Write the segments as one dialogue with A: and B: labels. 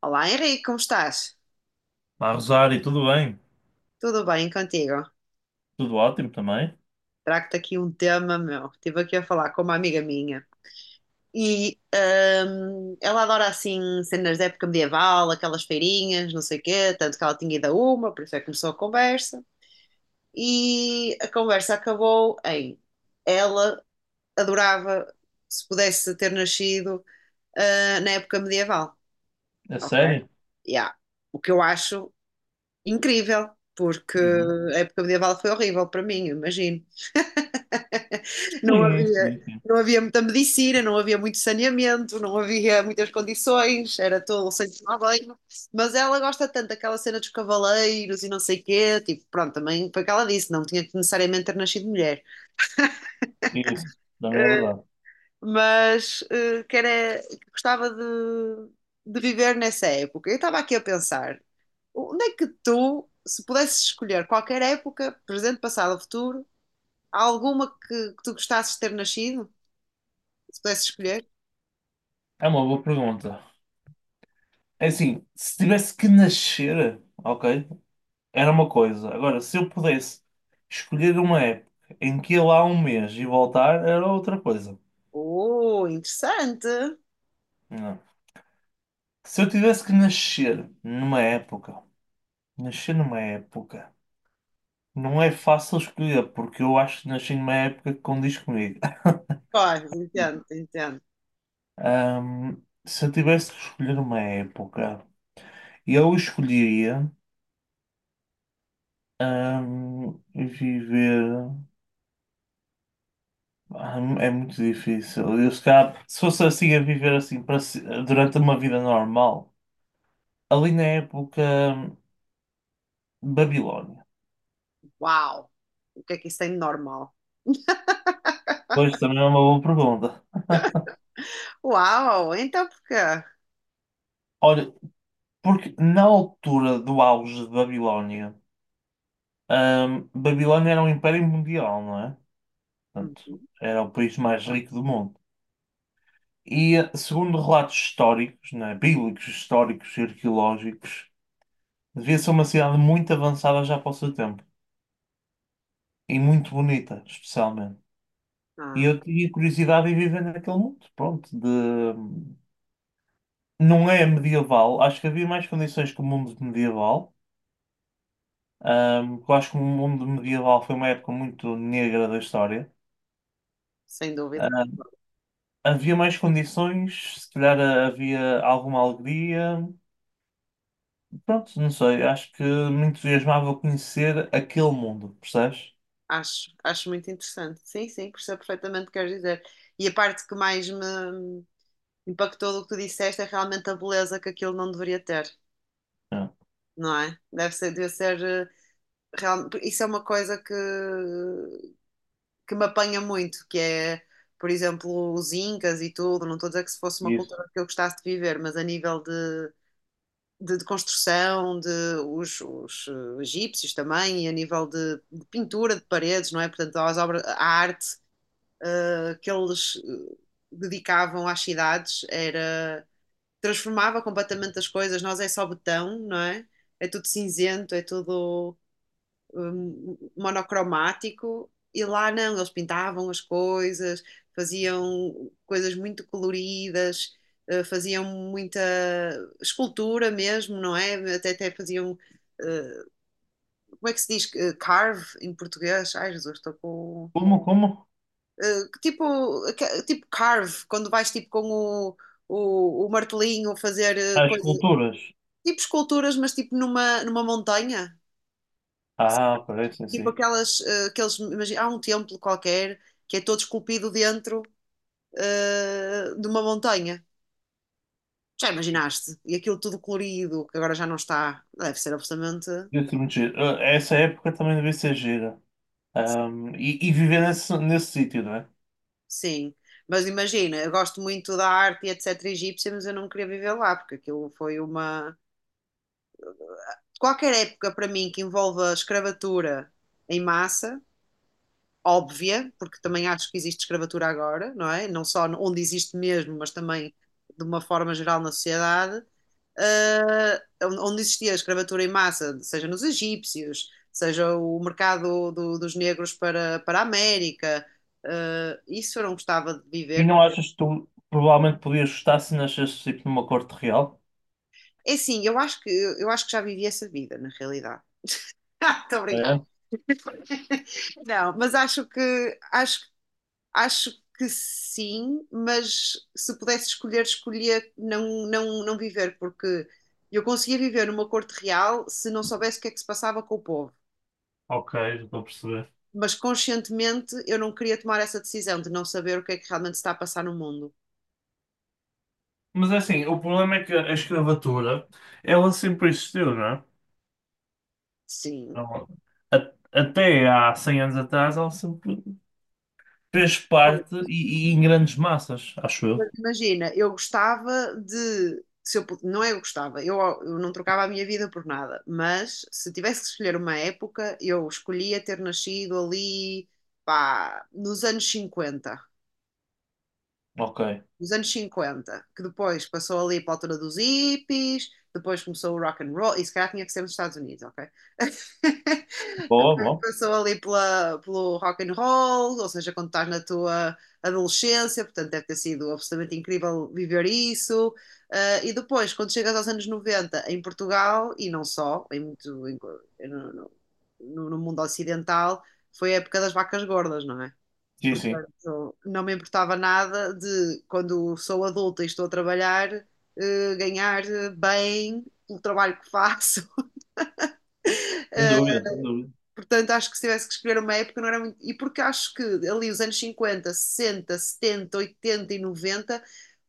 A: Olá Henrique, como estás?
B: Olá, Rosário, tudo bem?
A: Tudo bem contigo?
B: Tudo ótimo também?
A: Trago-te aqui um tema meu. Estive aqui a falar com uma amiga minha e ela adora assim cenas da época medieval, aquelas feirinhas, não sei o quê, tanto que ela tinha ido a uma, por isso é que começou a conversa. E a conversa acabou em ela adorava se pudesse ter nascido na época medieval.
B: É
A: Ok.
B: sério?
A: Yeah. O que eu acho incrível, porque
B: Uhum.
A: a época medieval foi horrível para mim, imagino. Não
B: Sim,
A: havia,
B: sim, sim.
A: não havia muita medicina, não havia muito saneamento, não havia muitas condições, era todo sem tomar banho. Mas ela gosta tanto daquela cena dos cavaleiros e não sei quê, tipo, pronto, também foi o que ela disse, não tinha que necessariamente ter nascido mulher.
B: Isso, também é
A: Eh,
B: verdade.
A: Mas que gostava de viver nessa época. Eu estava aqui a pensar, onde é que tu, se pudesses escolher qualquer época, presente, passado ou futuro, há alguma que tu gostasses de ter nascido, se pudesses escolher?
B: É uma boa pergunta. É assim, se tivesse que nascer, ok, era uma coisa. Agora, se eu pudesse escolher uma época em que ir lá um mês e voltar, era outra coisa.
A: Oh, interessante.
B: Não. Se eu tivesse que nascer numa época, não é fácil escolher, porque eu acho que nasci numa época que condiz comigo.
A: Pois, entendo, entendo.
B: Se eu tivesse que escolher uma época, eu escolheria viver. Ah, é muito difícil. Eu, se calhar, se fosse assim a viver assim para durante uma vida normal, ali na época hum, Babilónia.
A: Uau, o que é que isso tem de normal?
B: Pois também é uma boa pergunta.
A: Uau, então porquê?
B: Olha, porque na altura do auge de Babilónia, Babilónia era um império mundial, não é?
A: Uhum.
B: Portanto, era o país mais rico do mundo. E, segundo relatos históricos, né, bíblicos, históricos e arqueológicos, devia ser uma cidade muito avançada já para o seu tempo. E muito bonita, especialmente. E
A: Ah,
B: eu tinha curiosidade em viver naquele mundo. Pronto. Não é medieval. Acho que havia mais condições que o mundo medieval. Porque eu acho que o mundo medieval foi uma época muito negra da história.
A: sem dúvida, concordo.
B: Havia mais condições, se calhar havia alguma alegria. Pronto, não sei, acho que me entusiasmava conhecer aquele mundo, percebes?
A: Acho muito interessante. Sim, sim, percebo perfeitamente o que queres dizer. E a parte que mais me impactou do que tu disseste é realmente a beleza que aquilo não deveria ter,
B: É.
A: não é? Deve ser isso é uma coisa que me apanha muito, que é, por exemplo, os Incas e tudo. Não estou a dizer que se fosse uma
B: Isso.
A: cultura que eu gostasse de viver, mas a nível de construção, de os egípcios também, e a nível de pintura de paredes, não é? Portanto, as obras, a arte que eles dedicavam às cidades era. Transformava completamente as coisas, nós é só betão, não é? É tudo cinzento, é tudo monocromático, e lá não, eles pintavam as coisas, faziam coisas muito coloridas, faziam muita escultura mesmo, não é? Até faziam, eh, como é que se diz? Carve em português? Ai, Jesus, estou com.
B: Como?
A: eh, tipo, tipo carve, quando vais tipo com o martelinho fazer
B: As culturas.
A: tipo esculturas, mas tipo numa montanha.
B: Ah, parece sim,
A: Tipo
B: sim.
A: aquelas, aqueles, imagina, há um templo qualquer que é todo esculpido dentro, de uma montanha. Já imaginaste? E aquilo tudo colorido, que agora já não está. Deve ser absolutamente,
B: Deve ser muito giro. Ah, essa época também devia ser gira. E viver nesse sítio, não é?
A: sim. Mas imagina, eu gosto muito da arte e etc. egípcia, mas eu não queria viver lá, porque aquilo foi uma. Qualquer época para mim que envolva escravatura em massa, óbvia, porque também acho que existe escravatura agora, não é? Não só onde existe mesmo, mas também de uma forma geral na sociedade, eh, onde existia a escravatura em massa, seja nos egípcios, seja o mercado dos negros para a América, isso eu não gostava de
B: E
A: viver.
B: não achas que tu provavelmente podias gostar se nascesse tipo numa corte real?
A: É sim, eu acho que já vivi essa vida, na realidade. Estou a brincar.
B: É?
A: Não, mas acho que sim, mas se pudesse escolher, escolhia não viver, porque eu conseguia viver numa corte real se não soubesse o que é que se passava com o povo.
B: Ok, já estou a perceber.
A: Mas conscientemente eu não queria tomar essa decisão de não saber o que é que realmente se está a passar no mundo.
B: Mas é assim, o problema é que a escravatura, ela sempre existiu, não é?
A: Sim.
B: Ela- a- até há 100 anos atrás, ela sempre fez
A: Pois,
B: parte e em grandes massas, acho
A: mas
B: eu.
A: imagina, eu gostava de. Se não é eu gostava, eu não trocava a minha vida por nada, mas se tivesse que escolher uma época, eu escolhia ter nascido ali, pá, nos anos 50.
B: Ok.
A: Dos anos 50, que depois passou ali para a altura dos hippies, depois começou o rock and roll, e se calhar tinha que ser nos Estados Unidos, ok?
B: Boa,
A: Depois
B: boa.
A: passou ali pelo rock and roll, ou seja, quando estás na tua adolescência, portanto deve ter sido absolutamente incrível viver isso. Ah, e depois, quando chegas aos anos 90, em Portugal, e não só, em muito, no, no mundo ocidental, foi a época das vacas gordas, não é?
B: Sim, sim.
A: Portanto, não me importava nada de, quando sou adulta e estou a trabalhar, ganhar bem pelo trabalho que faço.
B: Sem
A: Eh,
B: dúvida, sem dúvida.
A: portanto, acho que se tivesse que escolher uma época, não era muito. E porque acho que ali os anos 50, 60, 70, 80 e 90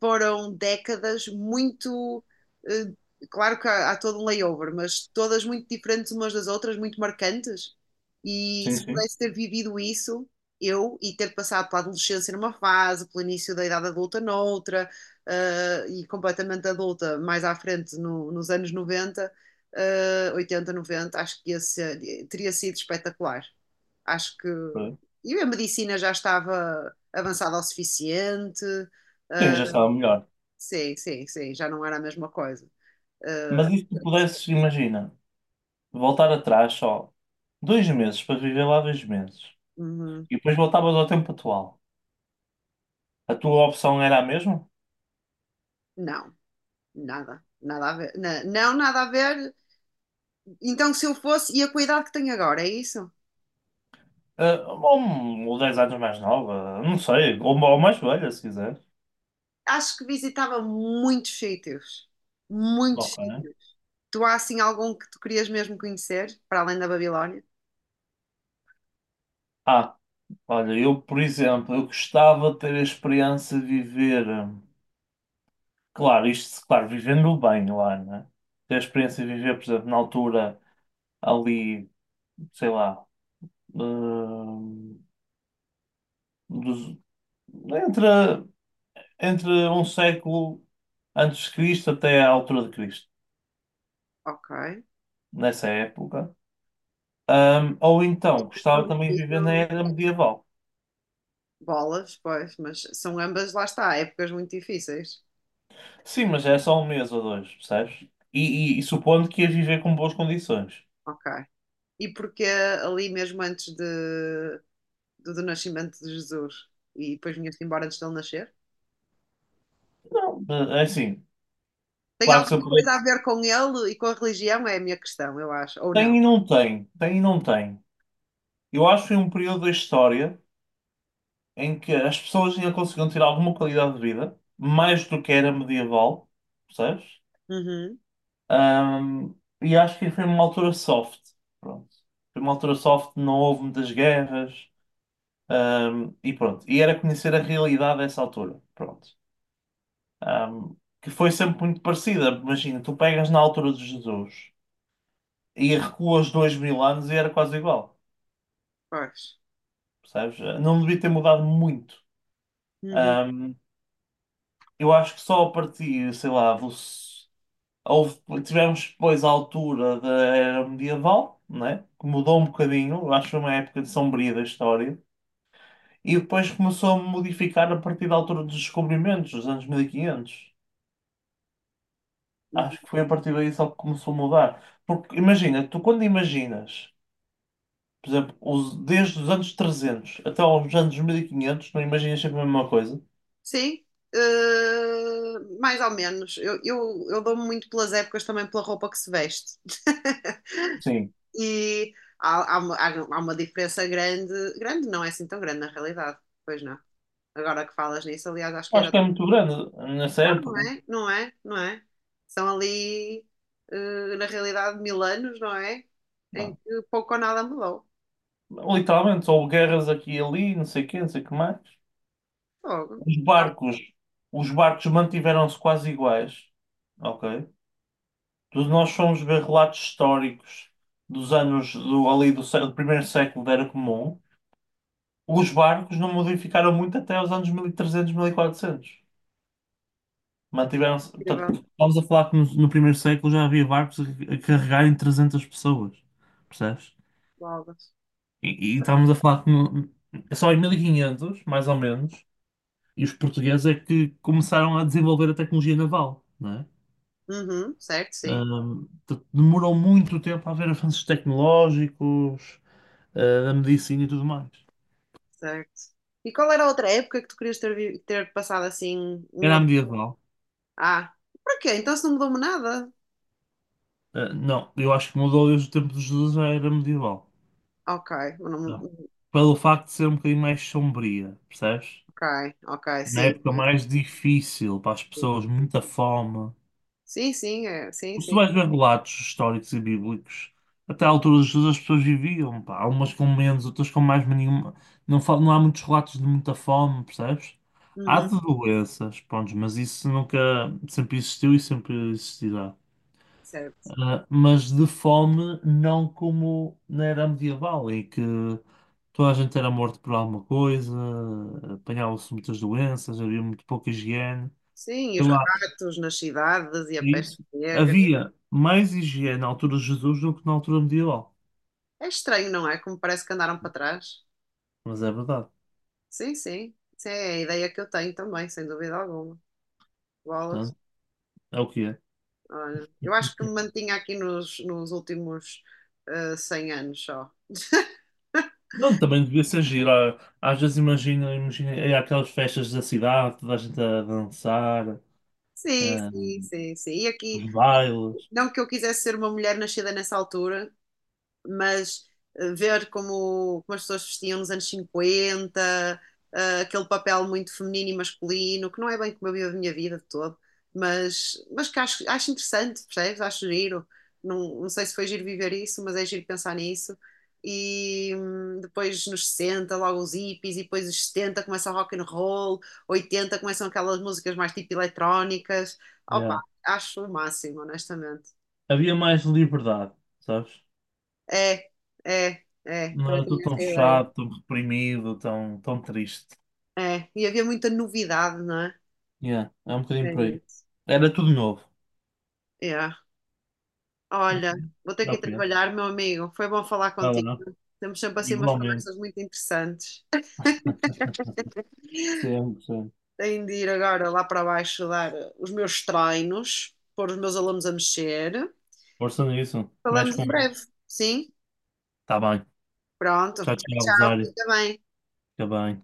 A: foram décadas muito. eh, Claro que há todo um layover, mas todas muito diferentes umas das outras, muito marcantes. E
B: Sim,
A: se
B: sim.
A: pudesse ter vivido isso, eu, e ter passado pela adolescência numa fase, pelo início da idade adulta noutra, e completamente adulta mais à frente nos anos 90, 80, 90, acho que teria sido espetacular. Acho que.
B: Por aí.
A: E a medicina já estava avançada o suficiente.
B: Sim,
A: eh,
B: já estava melhor.
A: Sim, sim, sim, já não era a mesma coisa. Ah,
B: Mas e se tu pudesses, imagina, voltar atrás só 2 meses para viver lá 2 meses
A: uhum,
B: e depois voltavas ao tempo atual, a tua opção era a mesma?
A: não, nada, nada a ver. Não, nada a ver. Então, se eu fosse, e a cuidado que tenho agora, é isso?
B: Ah, ou 10 anos mais nova, não sei, ou mais velha, se quiseres.
A: Acho que visitava muitos sítios, muitos
B: Ok.
A: sítios. Tu há assim algum que tu querias mesmo conhecer, para além da Babilónia?
B: Ah, olha, eu, por exemplo, eu gostava de ter a experiência de viver. Claro, isto, claro, vivendo bem lá, né? Ter a experiência de viver, por exemplo, na altura ali, sei lá, hum, dos- entre, entre um século antes de Cristo até à altura de Cristo,
A: Ok.
B: nessa época. Ou então,
A: São
B: gostava também de
A: difíceis,
B: viver na
A: né?
B: era medieval.
A: Bolas, pois, mas são ambas, lá está, épocas muito difíceis.
B: Sim, mas é só um mês ou dois, percebes? E supondo que ias viver com boas condições.
A: Ok. E porque ali mesmo antes do nascimento de Jesus e depois vinha-se embora antes dele nascer?
B: Não, é assim,
A: Tem
B: claro que se eu
A: alguma
B: puder.
A: coisa a ver com ele e com a religião? É a minha questão, eu acho. Ou não?
B: Tem e não tem, tem e não tem. Eu acho que foi um período da história em que as pessoas ainda conseguiam ter alguma qualidade de vida, mais do que era medieval, percebes?
A: Uhum,
B: Ahm, e acho que foi uma altura soft, pronto. Foi uma altura soft, não houve muitas guerras, e pronto. E era conhecer a realidade dessa altura, pronto. Ahm, que foi sempre muito parecida. Imagina, tu pegas na altura de Jesus e recuas 2000 anos e era quase igual,
A: pois.
B: percebes? Não devia ter mudado muito.
A: Uhum,
B: Eu acho que só a partir, sei lá, tivemos depois a altura da era medieval, né? Que mudou um bocadinho, eu acho que foi uma época de sombria da história, e depois começou a modificar a partir da altura dos descobrimentos, dos anos 1500.
A: uhum.
B: Acho que foi a partir daí só que começou a mudar. Porque imagina, tu quando imaginas, por exemplo, desde os anos 300 até aos anos 1500 não imaginas sempre a mesma coisa?
A: Sim, mais ou menos. Eu dou-me muito pelas épocas também pela roupa que se veste.
B: Sim.
A: E há uma diferença grande. Grande não é assim tão grande na realidade, pois não. Agora que falas nisso, aliás, acho que é.
B: Acho que é muito grande nessa
A: Ah, não
B: época.
A: é? Não é? Não é? São ali, na realidade, 1000 anos, não é? Em que pouco ou nada mudou.
B: Literalmente, houve guerras aqui e ali, não sei o quê, não sei o que mais.
A: Fogo.
B: Os
A: Já
B: barcos, os barcos mantiveram-se quase iguais, ok? Nós fomos ver relatos históricos dos anos do, ali do, do primeiro século da Era Comum. Os barcos não modificaram muito até os anos mil mil e trezentos mil e quatrocentos. Mantiveram-se, portanto,
A: incrível.
B: estamos a falar que no primeiro século já havia barcos a carregarem 300 pessoas, percebes?
A: Bolas.
B: E estávamos a falar que só em 1500, mais ou menos, e os portugueses é que começaram a desenvolver a tecnologia naval, não é?
A: Uhum, certo, sim.
B: Portanto, demorou muito tempo a haver avanços tecnológicos, da medicina e tudo mais.
A: Certo. E qual era a outra época que tu querias ter passado assim um ou
B: Era
A: dois?
B: medieval?
A: Ah, para quê? Então se não mudou-me nada?
B: Ah, não, eu acho que mudou desde o tempo de Jesus, já era medieval.
A: Ok. não-
B: Não. Pelo facto de ser um bocadinho mais sombria, percebes?
A: ok, ok,
B: Uma
A: sim.
B: época mais difícil para as pessoas, muita fome.
A: Sim, sim, é, sim,
B: Se tu
A: sim.
B: vais ver relatos históricos e bíblicos, até à altura de Jesus as pessoas viviam, pá. Há umas com menos, outras com mais, mas nenhuma. Não, não há muitos relatos de muita fome, percebes? Há
A: Uhum,
B: de doenças, pronto, mas isso nunca, sempre existiu e sempre existirá.
A: certo.
B: Ah, mas de fome, não como na era medieval, em que toda a gente era morto por alguma coisa, apanhavam-se muitas doenças, havia muito pouca higiene.
A: Sim, e os ratos nas cidades e a
B: É,
A: peste
B: isso.
A: negra.
B: Havia mais higiene na altura de Jesus do que na altura medieval.
A: É estranho, não é? Como parece que andaram para trás.
B: Mas é verdade.
A: Sim, sim. Sim, é a ideia que eu tenho também, sem dúvida alguma. Bolas.
B: Portanto, é o que é.
A: Olha, eu acho que me mantinha aqui nos últimos 100 anos só.
B: Não, também devia ser giro. Ah, às vezes imagino é aquelas festas da cidade, toda a gente a dançar,
A: Sim,
B: ah,
A: sim, sim, sim. E aqui,
B: os bailes.
A: não que eu quisesse ser uma mulher nascida nessa altura, mas ver como as pessoas vestiam nos anos 50, aquele papel muito feminino e masculino, que não é bem como eu vivo a minha vida de todo, mas que acho interessante, percebes? Acho giro. Não, não sei se foi giro viver isso, mas é giro pensar nisso. E depois nos 60 logo os hippies, e depois os 70 começa o rock and roll, 80 começam aquelas músicas mais tipo eletrónicas. Opa,
B: Yeah.
A: acho o máximo, honestamente.
B: Havia mais liberdade, sabes?
A: É, é, é,
B: Não
A: também
B: era tudo
A: tenho
B: tão
A: essa ideia.
B: chato, tão reprimido, tão, tão triste.
A: É, e havia muita novidade, não é?
B: Yeah. É um bocadinho
A: É
B: por aí.
A: isso.
B: Era tudo novo.
A: É.
B: Mas
A: Olha, vou ter
B: é
A: que ir
B: o que é.
A: trabalhar, meu amigo. Foi bom falar
B: Vai
A: contigo.
B: lá.
A: Temos sempre assim umas
B: Igualmente.
A: conversas muito interessantes.
B: Sempre, sempre.
A: Tenho de ir agora lá para baixo dar os meus treinos, pôr os meus alunos a mexer.
B: Força nisso. Mexe
A: Falamos em
B: com.
A: breve, sim?
B: Tá bem.
A: Pronto.
B: Tchau,
A: Tchau,
B: tchau,
A: tchau.
B: Rosário.
A: Fica bem.
B: Fica bem.